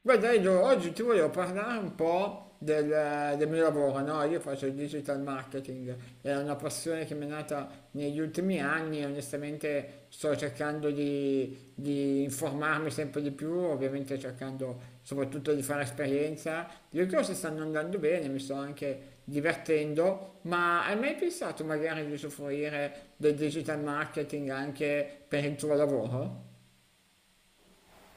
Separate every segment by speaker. Speaker 1: Guarda, Edo, oggi ti volevo parlare un po' del mio lavoro, no? Io faccio il digital marketing, è una passione che mi è nata negli ultimi anni e onestamente sto cercando di informarmi sempre di più, ovviamente cercando soprattutto di fare esperienza. Le cose stanno andando bene, mi sto anche divertendo, ma hai mai pensato magari di usufruire del digital marketing anche per il tuo lavoro?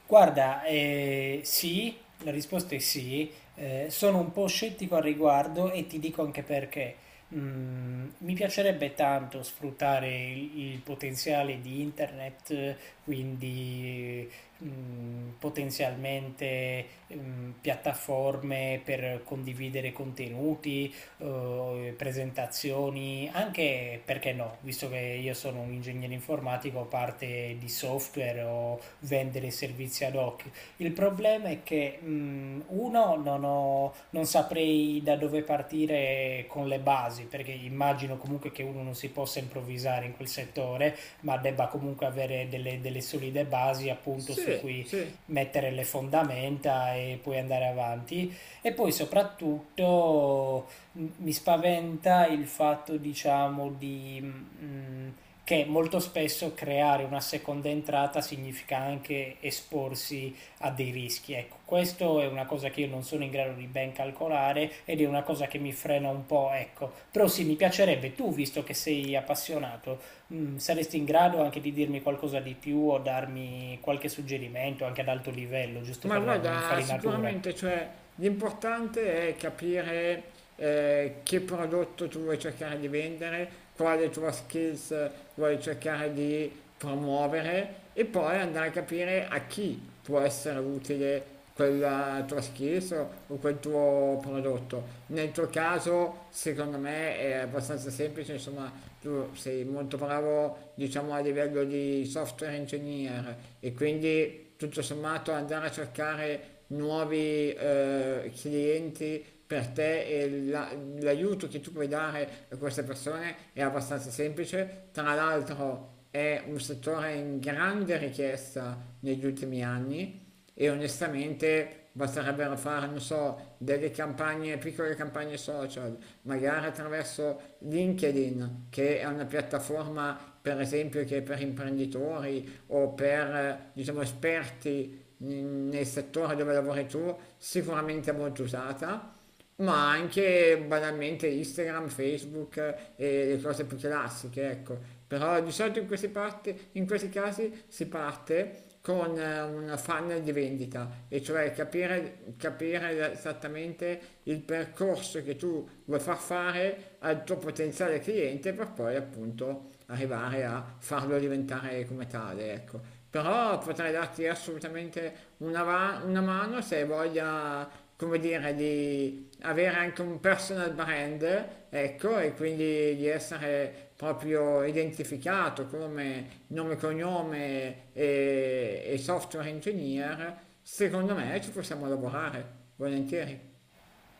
Speaker 2: Guarda, sì, la risposta è sì, sono un po' scettico al riguardo e ti dico anche perché. Mi piacerebbe tanto sfruttare il potenziale di internet, quindi potenzialmente piattaforme per condividere contenuti, presentazioni, anche perché no, visto che io sono un ingegnere informatico, parte di software o vendere servizi ad hoc. Il problema è che uno non ho- non saprei da dove partire con le basi, perché immagino comunque che uno non si possa improvvisare in quel settore, ma debba comunque avere delle solide basi appunto su
Speaker 1: Sì,
Speaker 2: cui
Speaker 1: sì.
Speaker 2: mettere le fondamenta e poi andare avanti. E poi soprattutto mi spaventa il fatto, diciamo, che molto spesso creare una seconda entrata significa anche esporsi a dei rischi. Ecco, questo è una cosa che io non sono in grado di ben calcolare ed è una cosa che mi frena un po', ecco. Però sì, mi piacerebbe, tu, visto che sei appassionato, saresti in grado anche di dirmi qualcosa di più o darmi qualche suggerimento anche ad alto livello, giusto
Speaker 1: Ma
Speaker 2: per darmi
Speaker 1: guarda,
Speaker 2: un'infarinatura.
Speaker 1: sicuramente, cioè, l'importante è capire che prodotto tu vuoi cercare di vendere, quale tua skills vuoi cercare di promuovere e poi andare a capire a chi può essere utile quella tua schiesa o quel tuo prodotto. Nel tuo caso, secondo me, è abbastanza semplice, insomma, tu sei molto bravo, diciamo, a livello di software engineer e quindi tutto sommato andare a cercare nuovi clienti per te e l'aiuto che tu puoi dare a queste persone è abbastanza semplice. Tra l'altro è un settore in grande richiesta negli ultimi anni e onestamente basterebbero fare, non so, delle campagne, piccole campagne social, magari attraverso LinkedIn, che è una piattaforma per esempio che è per imprenditori o per diciamo, esperti nel settore dove lavori tu, sicuramente molto usata, ma anche banalmente Instagram, Facebook, e le cose più classiche, ecco. Però di solito in questi, in questi casi si parte con una funnel di vendita, e cioè capire, capire esattamente il percorso che tu vuoi far fare al tuo potenziale cliente per poi appunto arrivare a farlo diventare come tale, ecco. Però potrei darti assolutamente una, una mano se hai voglia, come dire, di avere anche un personal brand, ecco, e quindi di essere proprio identificato come nome, cognome e software engineer. Secondo me ci possiamo lavorare, volentieri.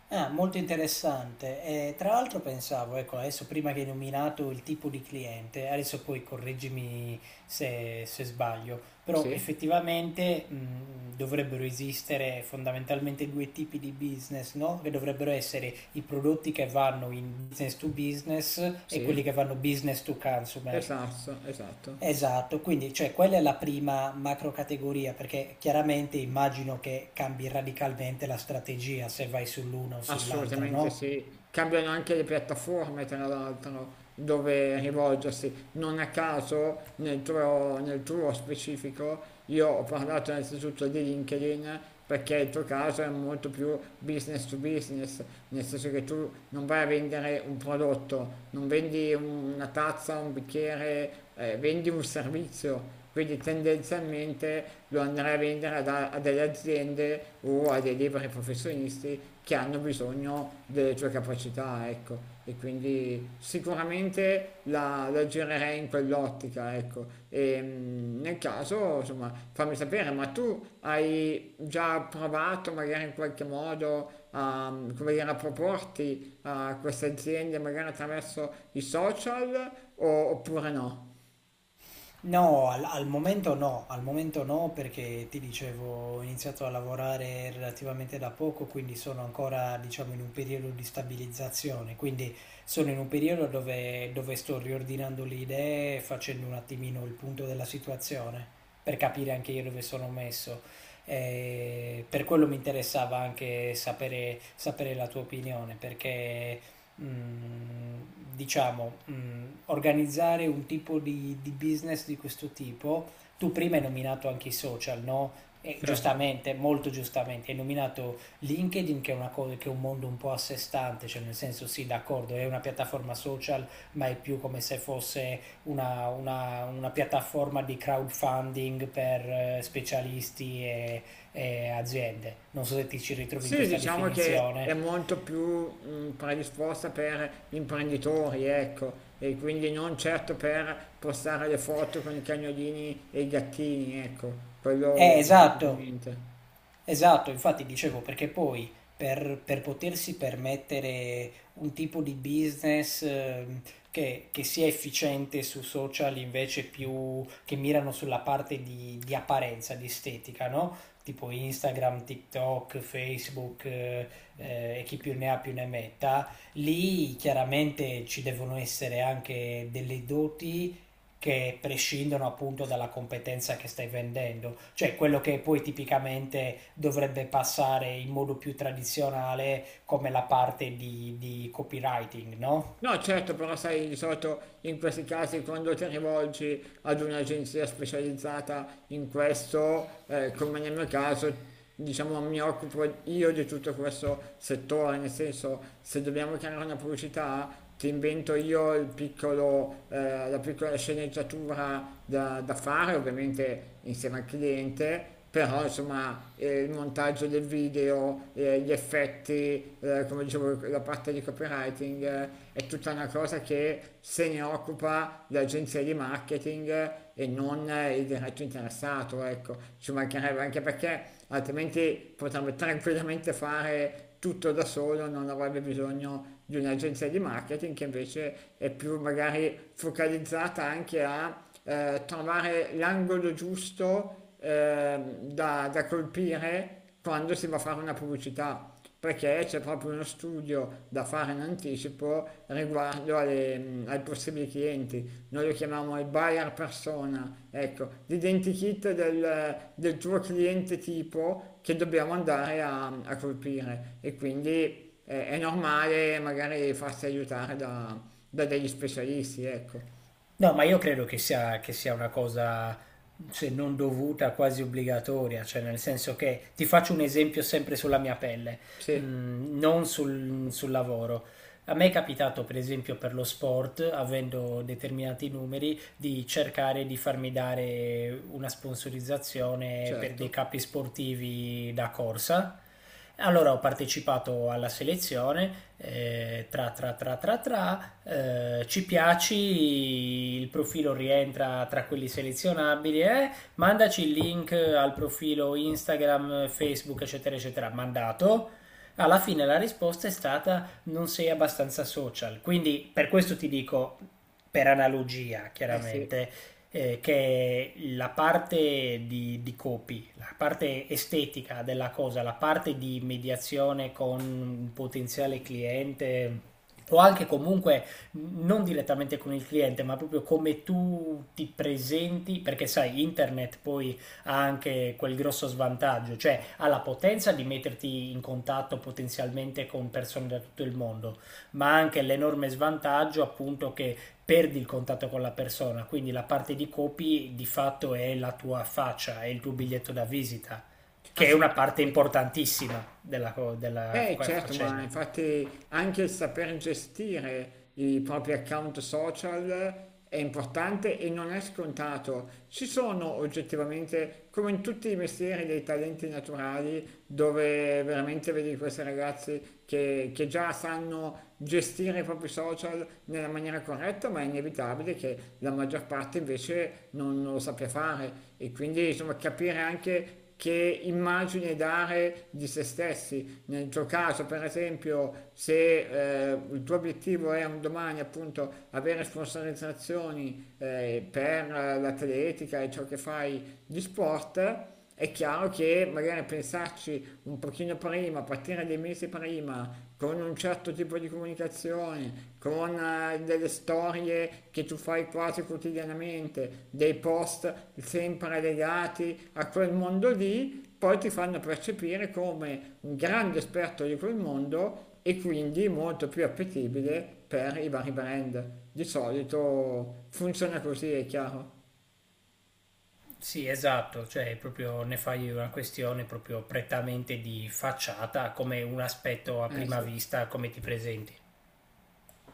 Speaker 2: Ah, molto interessante. Tra l'altro pensavo, ecco, adesso prima che hai nominato il tipo di cliente, adesso poi correggimi se sbaglio, però
Speaker 1: Sì,
Speaker 2: effettivamente dovrebbero esistere fondamentalmente due tipi di business, no? Che dovrebbero essere i prodotti che vanno in business to business e quelli
Speaker 1: sì,
Speaker 2: che vanno business to consumer.
Speaker 1: esatto, esatto.
Speaker 2: Esatto, quindi cioè, quella è la prima macrocategoria, perché chiaramente immagino che cambi radicalmente la strategia se vai sull'una o sull'altra,
Speaker 1: Assolutamente
Speaker 2: no?
Speaker 1: sì, cambiano anche le piattaforme tra l'altro dove rivolgersi. Non a caso nel tuo specifico io ho parlato innanzitutto di LinkedIn perché il tuo caso è molto più business to business, nel senso che tu non vai a vendere un prodotto, non vendi una tazza, un bicchiere, vendi un servizio. Quindi tendenzialmente lo andrai a vendere a delle aziende o a dei liberi professionisti che hanno bisogno delle tue capacità, ecco. E quindi sicuramente la girerei in quell'ottica, ecco. E nel caso, insomma, fammi sapere, ma tu hai già provato magari in qualche modo a, come dire, a proporti a queste aziende magari attraverso i social oppure no?
Speaker 2: No, al momento no, al momento no perché ti dicevo ho iniziato a lavorare relativamente da poco, quindi sono ancora diciamo in un periodo di stabilizzazione, quindi sono in un periodo dove sto riordinando le idee, facendo un attimino il punto della situazione per capire anche io dove sono messo. Per quello mi interessava anche sapere la tua opinione perché diciamo, organizzare un tipo di business di questo tipo, tu prima hai nominato anche i social, no? E
Speaker 1: Certo.
Speaker 2: giustamente, molto giustamente, hai nominato LinkedIn che è una cosa che è un mondo un po' a sé stante, cioè nel senso sì, d'accordo, è una piattaforma social, ma è più come se fosse una piattaforma di crowdfunding per specialisti e aziende. Non so se ti ci ritrovi in
Speaker 1: Sì,
Speaker 2: questa
Speaker 1: diciamo che è
Speaker 2: definizione.
Speaker 1: molto più predisposta per imprenditori, ecco, e quindi non certo per postare le foto con i cagnolini e i gattini, ecco, quello
Speaker 2: Esatto,
Speaker 1: sicuramente.
Speaker 2: esatto, infatti dicevo perché poi per potersi permettere un tipo di business che sia efficiente su social invece più che mirano sulla parte di apparenza, di estetica, no? Tipo Instagram, TikTok, Facebook e chi più ne ha più ne metta, lì chiaramente ci devono essere anche delle doti che prescindono appunto dalla competenza che stai vendendo, cioè quello che poi tipicamente dovrebbe passare in modo più tradizionale come la parte di copywriting, no?
Speaker 1: No, certo, però sai, di solito in questi casi quando ti rivolgi ad un'agenzia specializzata in questo, come nel mio caso, diciamo mi occupo io di tutto questo settore, nel senso se dobbiamo creare una pubblicità ti invento io il piccolo, la piccola sceneggiatura da fare, ovviamente insieme al cliente però insomma il montaggio del video, gli effetti, come dicevo, la parte di copywriting è tutta una cosa che se ne occupa l'agenzia di marketing e non il diretto interessato, ecco, ci mancherebbe anche perché altrimenti potrebbe tranquillamente fare tutto da solo, non avrebbe bisogno di un'agenzia di marketing che invece è più magari focalizzata anche a trovare l'angolo giusto da colpire quando si va a fare una pubblicità, perché c'è proprio uno studio da fare in anticipo riguardo alle, ai possibili clienti. Noi lo chiamiamo il buyer persona, ecco, l'identikit del tuo cliente tipo che dobbiamo andare a, a colpire e quindi è normale magari farsi aiutare da degli specialisti, ecco.
Speaker 2: No, ma io credo che sia una cosa, se non dovuta, quasi obbligatoria, cioè nel senso che ti faccio un esempio sempre sulla mia pelle,
Speaker 1: Sì,
Speaker 2: non sul lavoro. A me è capitato, per esempio, per lo sport, avendo determinati numeri, di cercare di farmi dare una sponsorizzazione per dei
Speaker 1: certo.
Speaker 2: capi sportivi da corsa. Allora ho partecipato alla selezione, eh, tra tra tra tra tra, ci piaci, il profilo rientra tra quelli selezionabili, eh? Mandaci il link al profilo Instagram, Facebook, eccetera, eccetera, mandato. Alla fine la risposta è stata non sei abbastanza social. Quindi per questo ti dico, per analogia
Speaker 1: Eh sì,
Speaker 2: chiaramente, che la parte di copy, la parte estetica della cosa, la parte di mediazione con un potenziale cliente o anche comunque non direttamente con il cliente, ma proprio come tu ti presenti, perché sai, internet poi ha anche quel grosso svantaggio, cioè ha la potenza di metterti in contatto potenzialmente con persone da tutto il mondo, ma anche l'enorme svantaggio appunto che perdi il contatto con la persona, quindi la parte di copy di fatto è la tua faccia, è il tuo biglietto da visita, che è una parte
Speaker 1: assolutamente.
Speaker 2: importantissima della
Speaker 1: Eh certo, ma
Speaker 2: faccenda.
Speaker 1: infatti anche il saper gestire i propri account social è importante e non è scontato. Ci sono oggettivamente, come in tutti i mestieri, dei talenti naturali dove veramente vedi questi ragazzi che già sanno gestire i propri social nella maniera corretta, ma è inevitabile che la maggior parte invece non lo sappia fare e quindi insomma capire anche che immagine dare di se stessi. Nel tuo caso, per esempio, se il tuo obiettivo è un domani appunto avere sponsorizzazioni per l'atletica e ciò che fai di sport, è chiaro che magari pensarci un pochino prima, partire dei mesi prima con un certo tipo di comunicazione, con delle storie che tu fai quasi quotidianamente, dei post sempre legati a quel mondo lì, poi ti fanno percepire come un grande esperto di quel mondo e quindi molto più appetibile per i vari brand. Di solito funziona così, è chiaro.
Speaker 2: Sì, esatto, cioè proprio ne fai una questione proprio prettamente di facciata, come un aspetto a
Speaker 1: Eh
Speaker 2: prima
Speaker 1: sì.
Speaker 2: vista, come ti presenti.